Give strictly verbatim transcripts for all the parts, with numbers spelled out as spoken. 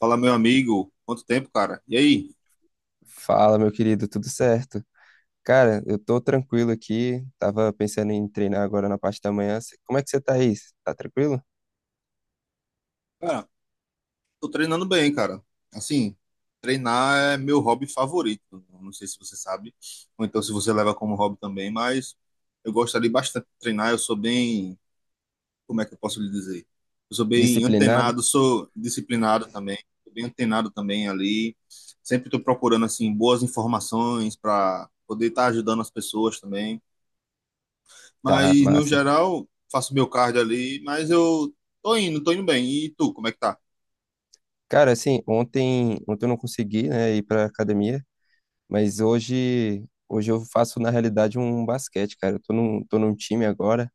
Fala, meu amigo. Quanto tempo, cara? E aí? Fala, meu querido, tudo certo? Cara, eu tô tranquilo aqui. Tava pensando em treinar agora na parte da manhã. Cê- Como é que você tá aí? Cê tá tranquilo? Cara, tô treinando bem, cara. Assim, treinar é meu hobby favorito. Não sei se você sabe, ou então se você leva como hobby também, mas eu gostaria bastante de treinar. Eu sou bem, como é que eu posso lhe dizer? Eu sou bem Disciplinado? antenado, sou disciplinado também, sou bem antenado também ali. Sempre tô procurando, assim, boas informações para poder estar ajudando as pessoas também. Tá, Mas no massa. geral, faço meu cardio ali, mas eu tô indo, tô indo bem. E tu, como é que tá? Cara, assim, ontem, ontem eu não consegui, né, ir pra academia, mas hoje, hoje eu faço na realidade um basquete, cara. Eu tô num, tô num time agora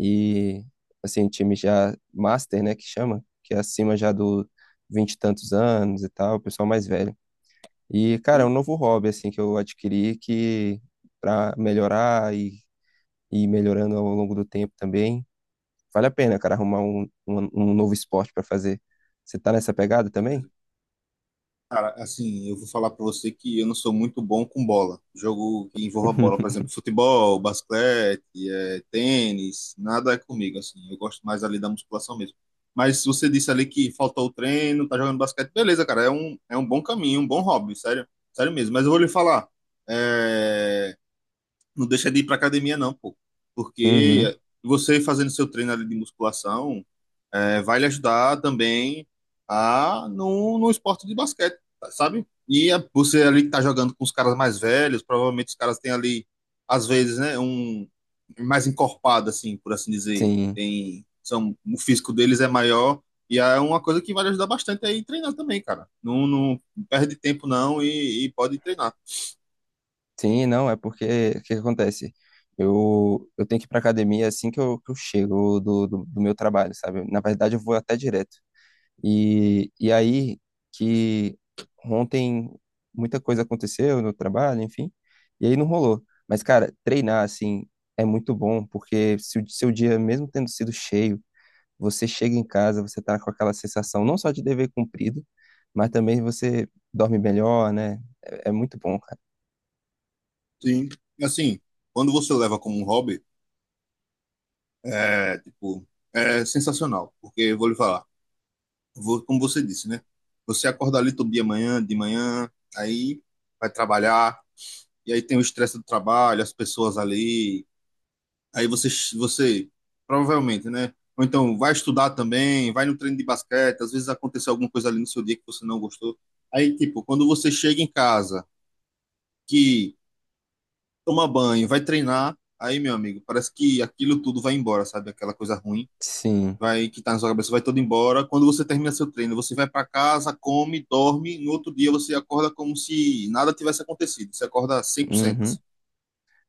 e assim, um time já master, né, que chama, que é acima já do vinte e tantos anos e tal, o pessoal mais velho. E, cara, é um Sim, novo hobby, assim, que eu adquiri que pra melhorar e e ir melhorando ao longo do tempo também. Vale a pena, cara, arrumar um, um, um novo esporte pra fazer. Você tá nessa pegada também? certeza. Cara, assim, eu vou falar pra você que eu não sou muito bom com bola. Jogo que envolva bola, por exemplo, futebol, basquete, eh, tênis, nada é comigo, assim. Eu gosto mais ali da musculação mesmo. Mas você disse ali que faltou o treino, tá jogando basquete, beleza, cara, é um, é um bom caminho, um bom hobby, sério, sério mesmo. Mas eu vou lhe falar, é, não deixa de ir para academia, não, pô. Uhum, Porque você fazendo seu treino ali de musculação é, vai lhe ajudar também a no, no esporte de basquete, sabe? E a- você ali que tá jogando com os caras mais velhos, provavelmente os caras têm ali, às vezes, né, um mais encorpado, assim, por assim dizer. sim, Tem, são, o físico deles é maior e é uma coisa que vai lhe ajudar bastante aí treinar também, cara. Não, não perde tempo não e, e pode treinar. sim, não, é porque o que que acontece? Eu, eu tenho que ir pra academia assim que eu, que eu chego do, do, do meu trabalho, sabe? Na verdade, eu vou até direto. E, e aí que ontem muita coisa aconteceu no trabalho, enfim, e aí não rolou. Mas, cara, treinar, assim, é muito bom, porque se o seu dia, mesmo tendo sido cheio, você chega em casa, você tá com aquela sensação não só de dever cumprido, mas também você dorme melhor, né? É, é muito bom, cara. Sim. Assim, quando você leva como um hobby, é, tipo, é sensacional. Porque, eu vou lhe falar, vo- como você disse, né? Você acorda ali todo dia manhã, de manhã, aí vai trabalhar, e aí tem o estresse do trabalho, as pessoas ali. Aí você, você provavelmente, né? Ou então vai estudar também, vai no treino de basquete, às vezes aconteceu alguma coisa ali no seu dia que você não gostou. Aí, tipo, quando você chega em casa, que toma banho, vai treinar, aí, meu amigo, parece que aquilo tudo vai embora, sabe? Aquela coisa ruim Sim. vai que tá na sua cabeça vai todo embora. Quando você termina seu treino, você vai para casa, come, dorme, no outro dia você acorda como se nada tivesse acontecido. Você acorda cem por cento, Uhum. assim.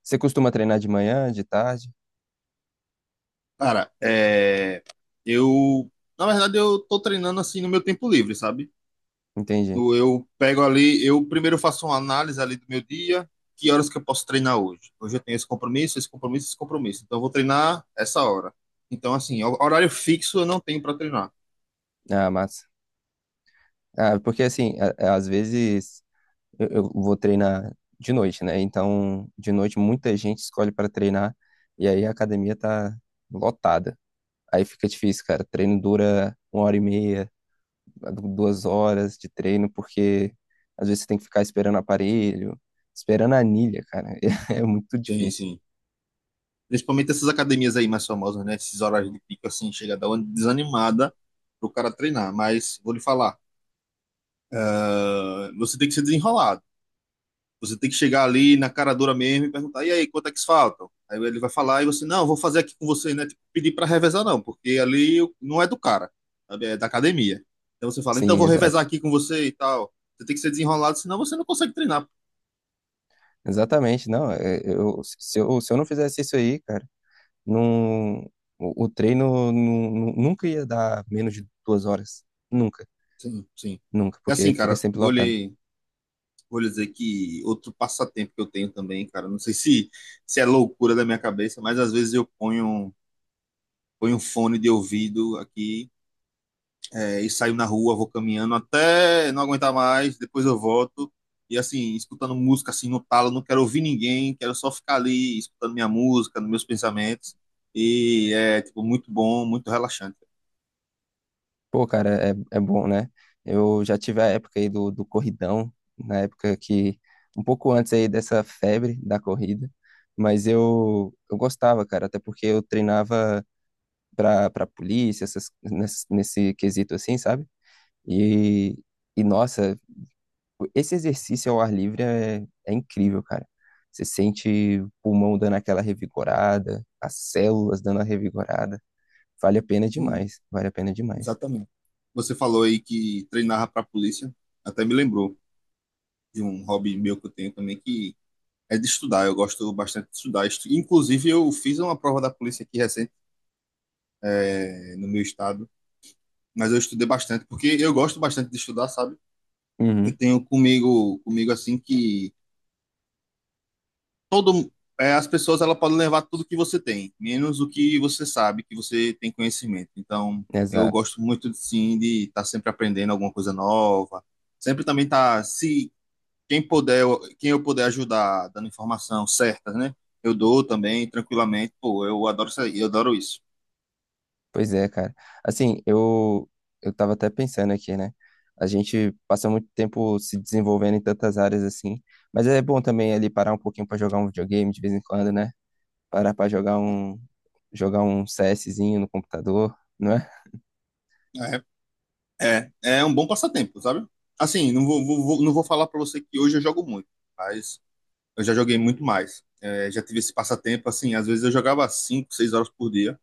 Você costuma treinar de manhã, de tarde? Cara, é... eu... Na verdade, eu tô treinando, assim, no meu tempo livre, sabe? Entendi. No- Eu pego ali, eu primeiro faço uma análise ali do meu dia, que horas que eu posso treinar hoje. Hoje eu tenho esse compromisso, esse compromisso, esse compromisso. Então eu vou treinar essa hora. Então, assim, ho- horário fixo eu não tenho para treinar. Ah, massa. Ah, porque assim, a- às vezes eu, eu vou treinar de noite, né? Então, de noite muita gente escolhe para treinar e aí a academia tá lotada. Aí fica difícil, cara. Treino dura uma hora e meia, duas horas de treino, porque às vezes você tem que ficar esperando aparelho, esperando a anilha, cara. É muito Sim, difícil. sim. Principalmente essas academias aí mais famosas, né? Esses horários de pico, assim, chega a dar uma desanimada pro cara treinar. Mas vou lhe falar, ah, você tem que se desenrolar. Você tem que chegar ali na cara dura mesmo e perguntar: e aí, quanto é que faltam? Aí ele vai falar e você: não, vou fazer aqui com você, né? Tipo, pedir para revezar, não, porque ali não é do cara, sabe? É da academia. Então você fala: então Sim, vou revezar exato. aqui com você e tal. Você tem que ser desenrolado, senão você não consegue treinar. Exatamente. Não, é, eu, se eu, se eu não fizesse isso aí, cara, não, o, o treino nu- nu- nunca ia dar menos de duas horas. Nunca. Sim, sim. Nunca, É assim, porque fica cara, sempre vou lotado. lhe, vou lhe dizer que outro passatempo que eu tenho também, cara, não sei se, se é loucura da minha cabeça, mas às vezes eu ponho, ponho um fone de ouvido aqui é, e saio na rua, vou caminhando até não aguentar mais, depois eu volto. E assim, escutando música assim no talo, não quero ouvir ninguém, quero só ficar ali escutando minha música, nos meus pensamentos. E é tipo muito bom, muito relaxante. Pô, cara, é, é bom, né? Eu já tive a época aí do, do corridão, na época que, um pouco antes aí dessa febre da corrida, mas eu, eu gostava, cara, até porque eu treinava pra, pra polícia, essas, nesse, nesse quesito assim, sabe? E, e, nossa, esse exercício ao ar livre é, é incrível, cara. Você sente o pulmão dando aquela revigorada, as células dando a revigorada. Vale a pena Sim, demais, vale a pena demais. exatamente. Você falou aí que treinava para a polícia, até me lembrou de um hobby meu que eu tenho também que é de estudar. Eu gosto bastante de estudar. Estu- Inclusive, eu fiz uma prova da polícia aqui recente, eh, no meu estado, mas eu estudei bastante porque eu gosto bastante de estudar, sabe? Eu Uhum, tenho comigo, comigo assim que todo é, as pessoas ela podem levar tudo que você tem, menos o que você sabe, que você tem conhecimento. Então, eu exato. gosto muito sim de estar sempre aprendendo alguma coisa nova, sempre também tá se quem puder, eu- quem eu puder ajudar dando informação certa, né? Eu dou também tranquilamente, pô, eu adoro isso, aí, eu adoro isso. Pois é, cara. Assim, eu eu tava até pensando aqui, né? A gente passa muito tempo se desenvolvendo em tantas áreas assim, mas é bom também ali parar um pouquinho pra jogar um videogame de vez em quando, né? Parar pra jogar um jogar um CSzinho no computador, não é? É, é, é um bom passatempo, sabe? Assim, não vou, vou- vou- não vou falar para você que hoje eu jogo muito, mas eu já joguei muito mais. É, já tive esse passatempo, assim, às vezes eu jogava cinco seis horas por dia.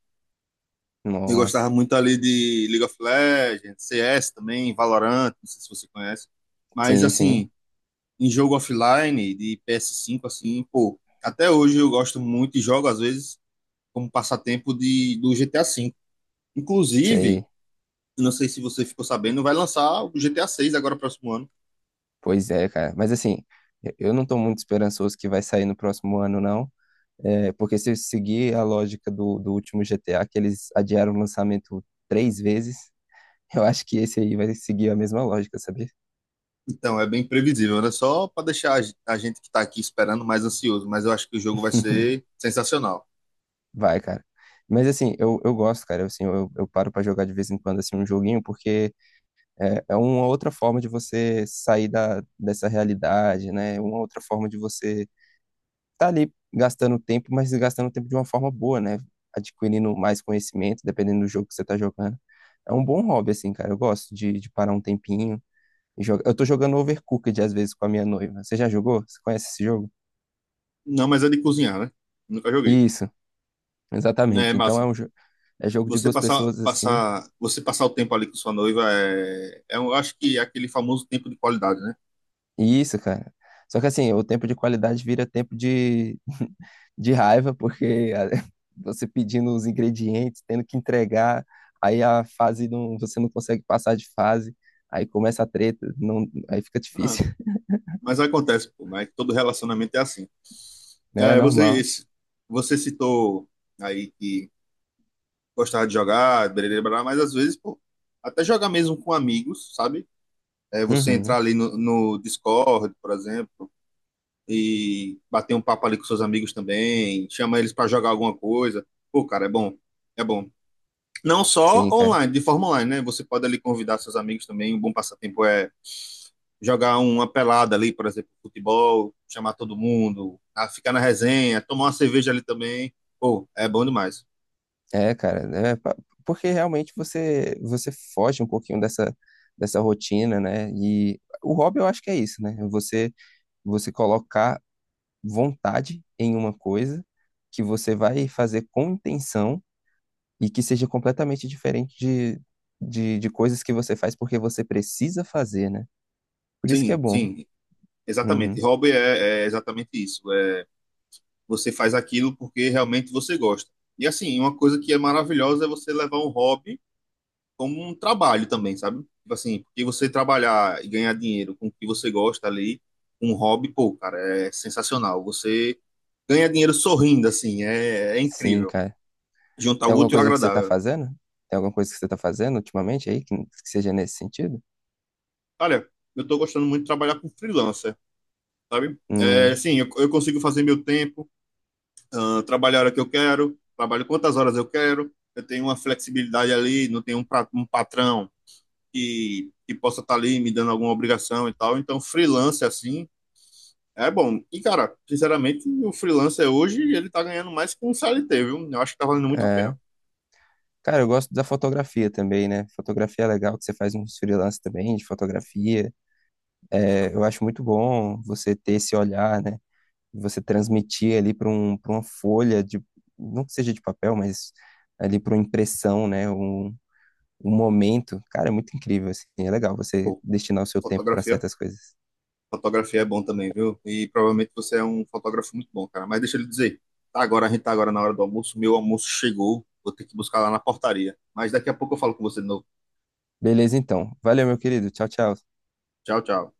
Eu gostava Nossa. muito ali de League of Legends, C S também, Valorant, não sei se você conhece. Mas, Sim, sim. assim, em jogo offline de P S cinco, assim, pô, até hoje eu gosto muito e jogo, às vezes, como passatempo de, do G T A V. Inclusive, Sei. não sei se você ficou sabendo, vai lançar o G T A seis agora, próximo ano. Pois é, cara. Mas assim, eu eu não tô muito esperançoso que vai sair no próximo ano, não. É, porque se eu seguir a lógica do, do último G T A, que eles adiaram o lançamento três vezes, eu acho que esse aí vai seguir a mesma lógica, sabia? Então, é bem previsível, né? Só para deixar a ge- a gente que está aqui esperando mais ansioso, mas eu acho que o jogo vai ser sensacional. Vai, cara. Mas assim, eu, eu gosto, cara. Assim, eu, eu paro pra jogar de vez em quando assim, um joguinho, porque é, é uma outra forma de você sair da, dessa realidade, né? Uma outra forma de você tá ali gastando tempo, mas gastando tempo de uma forma boa, né? Adquirindo mais conhecimento, dependendo do jogo que você tá jogando. É um bom hobby, assim, cara. Eu gosto de, de parar um tempinho e joga- eu tô jogando Overcooked às vezes com a minha noiva. Você já jogou? Você conhece esse jogo? Não, mas é de cozinhar, né? Nunca joguei. Isso, É exatamente. Então é massa. um jo- é jogo de Você duas passar, pessoas assim. passar, você passar o tempo ali com sua noiva é, é, um, eu acho que é aquele famoso tempo de qualidade, né? E isso, cara. Só que assim, o tempo de qualidade vira tempo de, de raiva, porque a- você pedindo os ingredientes, tendo que entregar, aí a fase não, você não consegue passar de fase, aí começa a treta, não, aí fica Ah, difícil, mas acontece, pô, né? Todo relacionamento é assim. né? É É, você, normal. esse- você citou aí que gostava de jogar, blá, blá, blá, mas às vezes, pô, até jogar mesmo com amigos, sabe? É você entrar Uhum. ali no, no Discord, por exemplo, e bater um papo ali com seus amigos também, chama eles para jogar alguma coisa. Pô, cara, é bom. É bom. Não só Sim, cara. online, de forma online, né? Você pode ali convidar seus amigos também. Um bom passatempo é jogar um, uma pelada ali, por exemplo, futebol, chamar todo mundo, a ficar na resenha, tomar uma cerveja ali também. Pô, é bom demais. É, cara, né? pa- Porque realmente você você foge um pouquinho dessa dessa rotina, né? E o hobby eu acho que é isso, né? é Você você colocar vontade em uma coisa que você vai fazer com intenção e que seja completamente diferente de, de, de coisas que você faz porque você precisa fazer, né? Por isso que é Sim, bom. sim, exatamente. Uhum. Hobby é, é exatamente isso. Você faz aquilo porque realmente você gosta. E assim, uma coisa que é maravilhosa é você levar um hobby como um trabalho também, sabe? Tipo assim, porque você trabalhar e ganhar dinheiro com o que você gosta ali, um hobby, pô, cara, é sensacional. Você ganha dinheiro sorrindo, assim, é, é Sim, incrível. cara. Juntar Tem o alguma útil ao coisa que você tá agradável. fazendo? Tem alguma coisa que você tá fazendo ultimamente aí que, que seja nesse sentido? Olha, eu tô gostando muito de trabalhar com freelancer, sabe? É, Hum, sim, eu, eu consigo fazer meu tempo, ah, trabalhar a hora que eu quero, trabalho quantas horas eu quero, eu tenho uma flexibilidade ali, não tenho um, pra- um patrão, que, que possa estar ali me dando alguma obrigação e tal. Então, freelance assim é bom. E, cara, sinceramente, o freelancer hoje ele tá ganhando mais que um C L T, viu? Eu acho que tá valendo muito a pena. é. Cara, eu gosto da fotografia também, né? Fotografia é legal, que você faz uns freelance também de fotografia. É, eu acho muito bom você ter esse olhar, né? Você transmitir ali para um, para uma folha de, não que seja de papel, mas ali para uma impressão, né? Um, um momento. Cara, é muito incrível, assim. É legal você Pô, destinar o seu tempo para fotografia. certas coisas. Fotografia é bom também, viu? E provavelmente você é um fotógrafo muito bom, cara. Mas deixa eu lhe dizer, tá agora, a gente tá agora na hora do almoço. Meu almoço chegou. Vou ter que buscar lá na portaria. Mas daqui a pouco eu falo com você de novo. Beleza, então. Valeu, meu querido. Tchau, tchau. Tchau, tchau.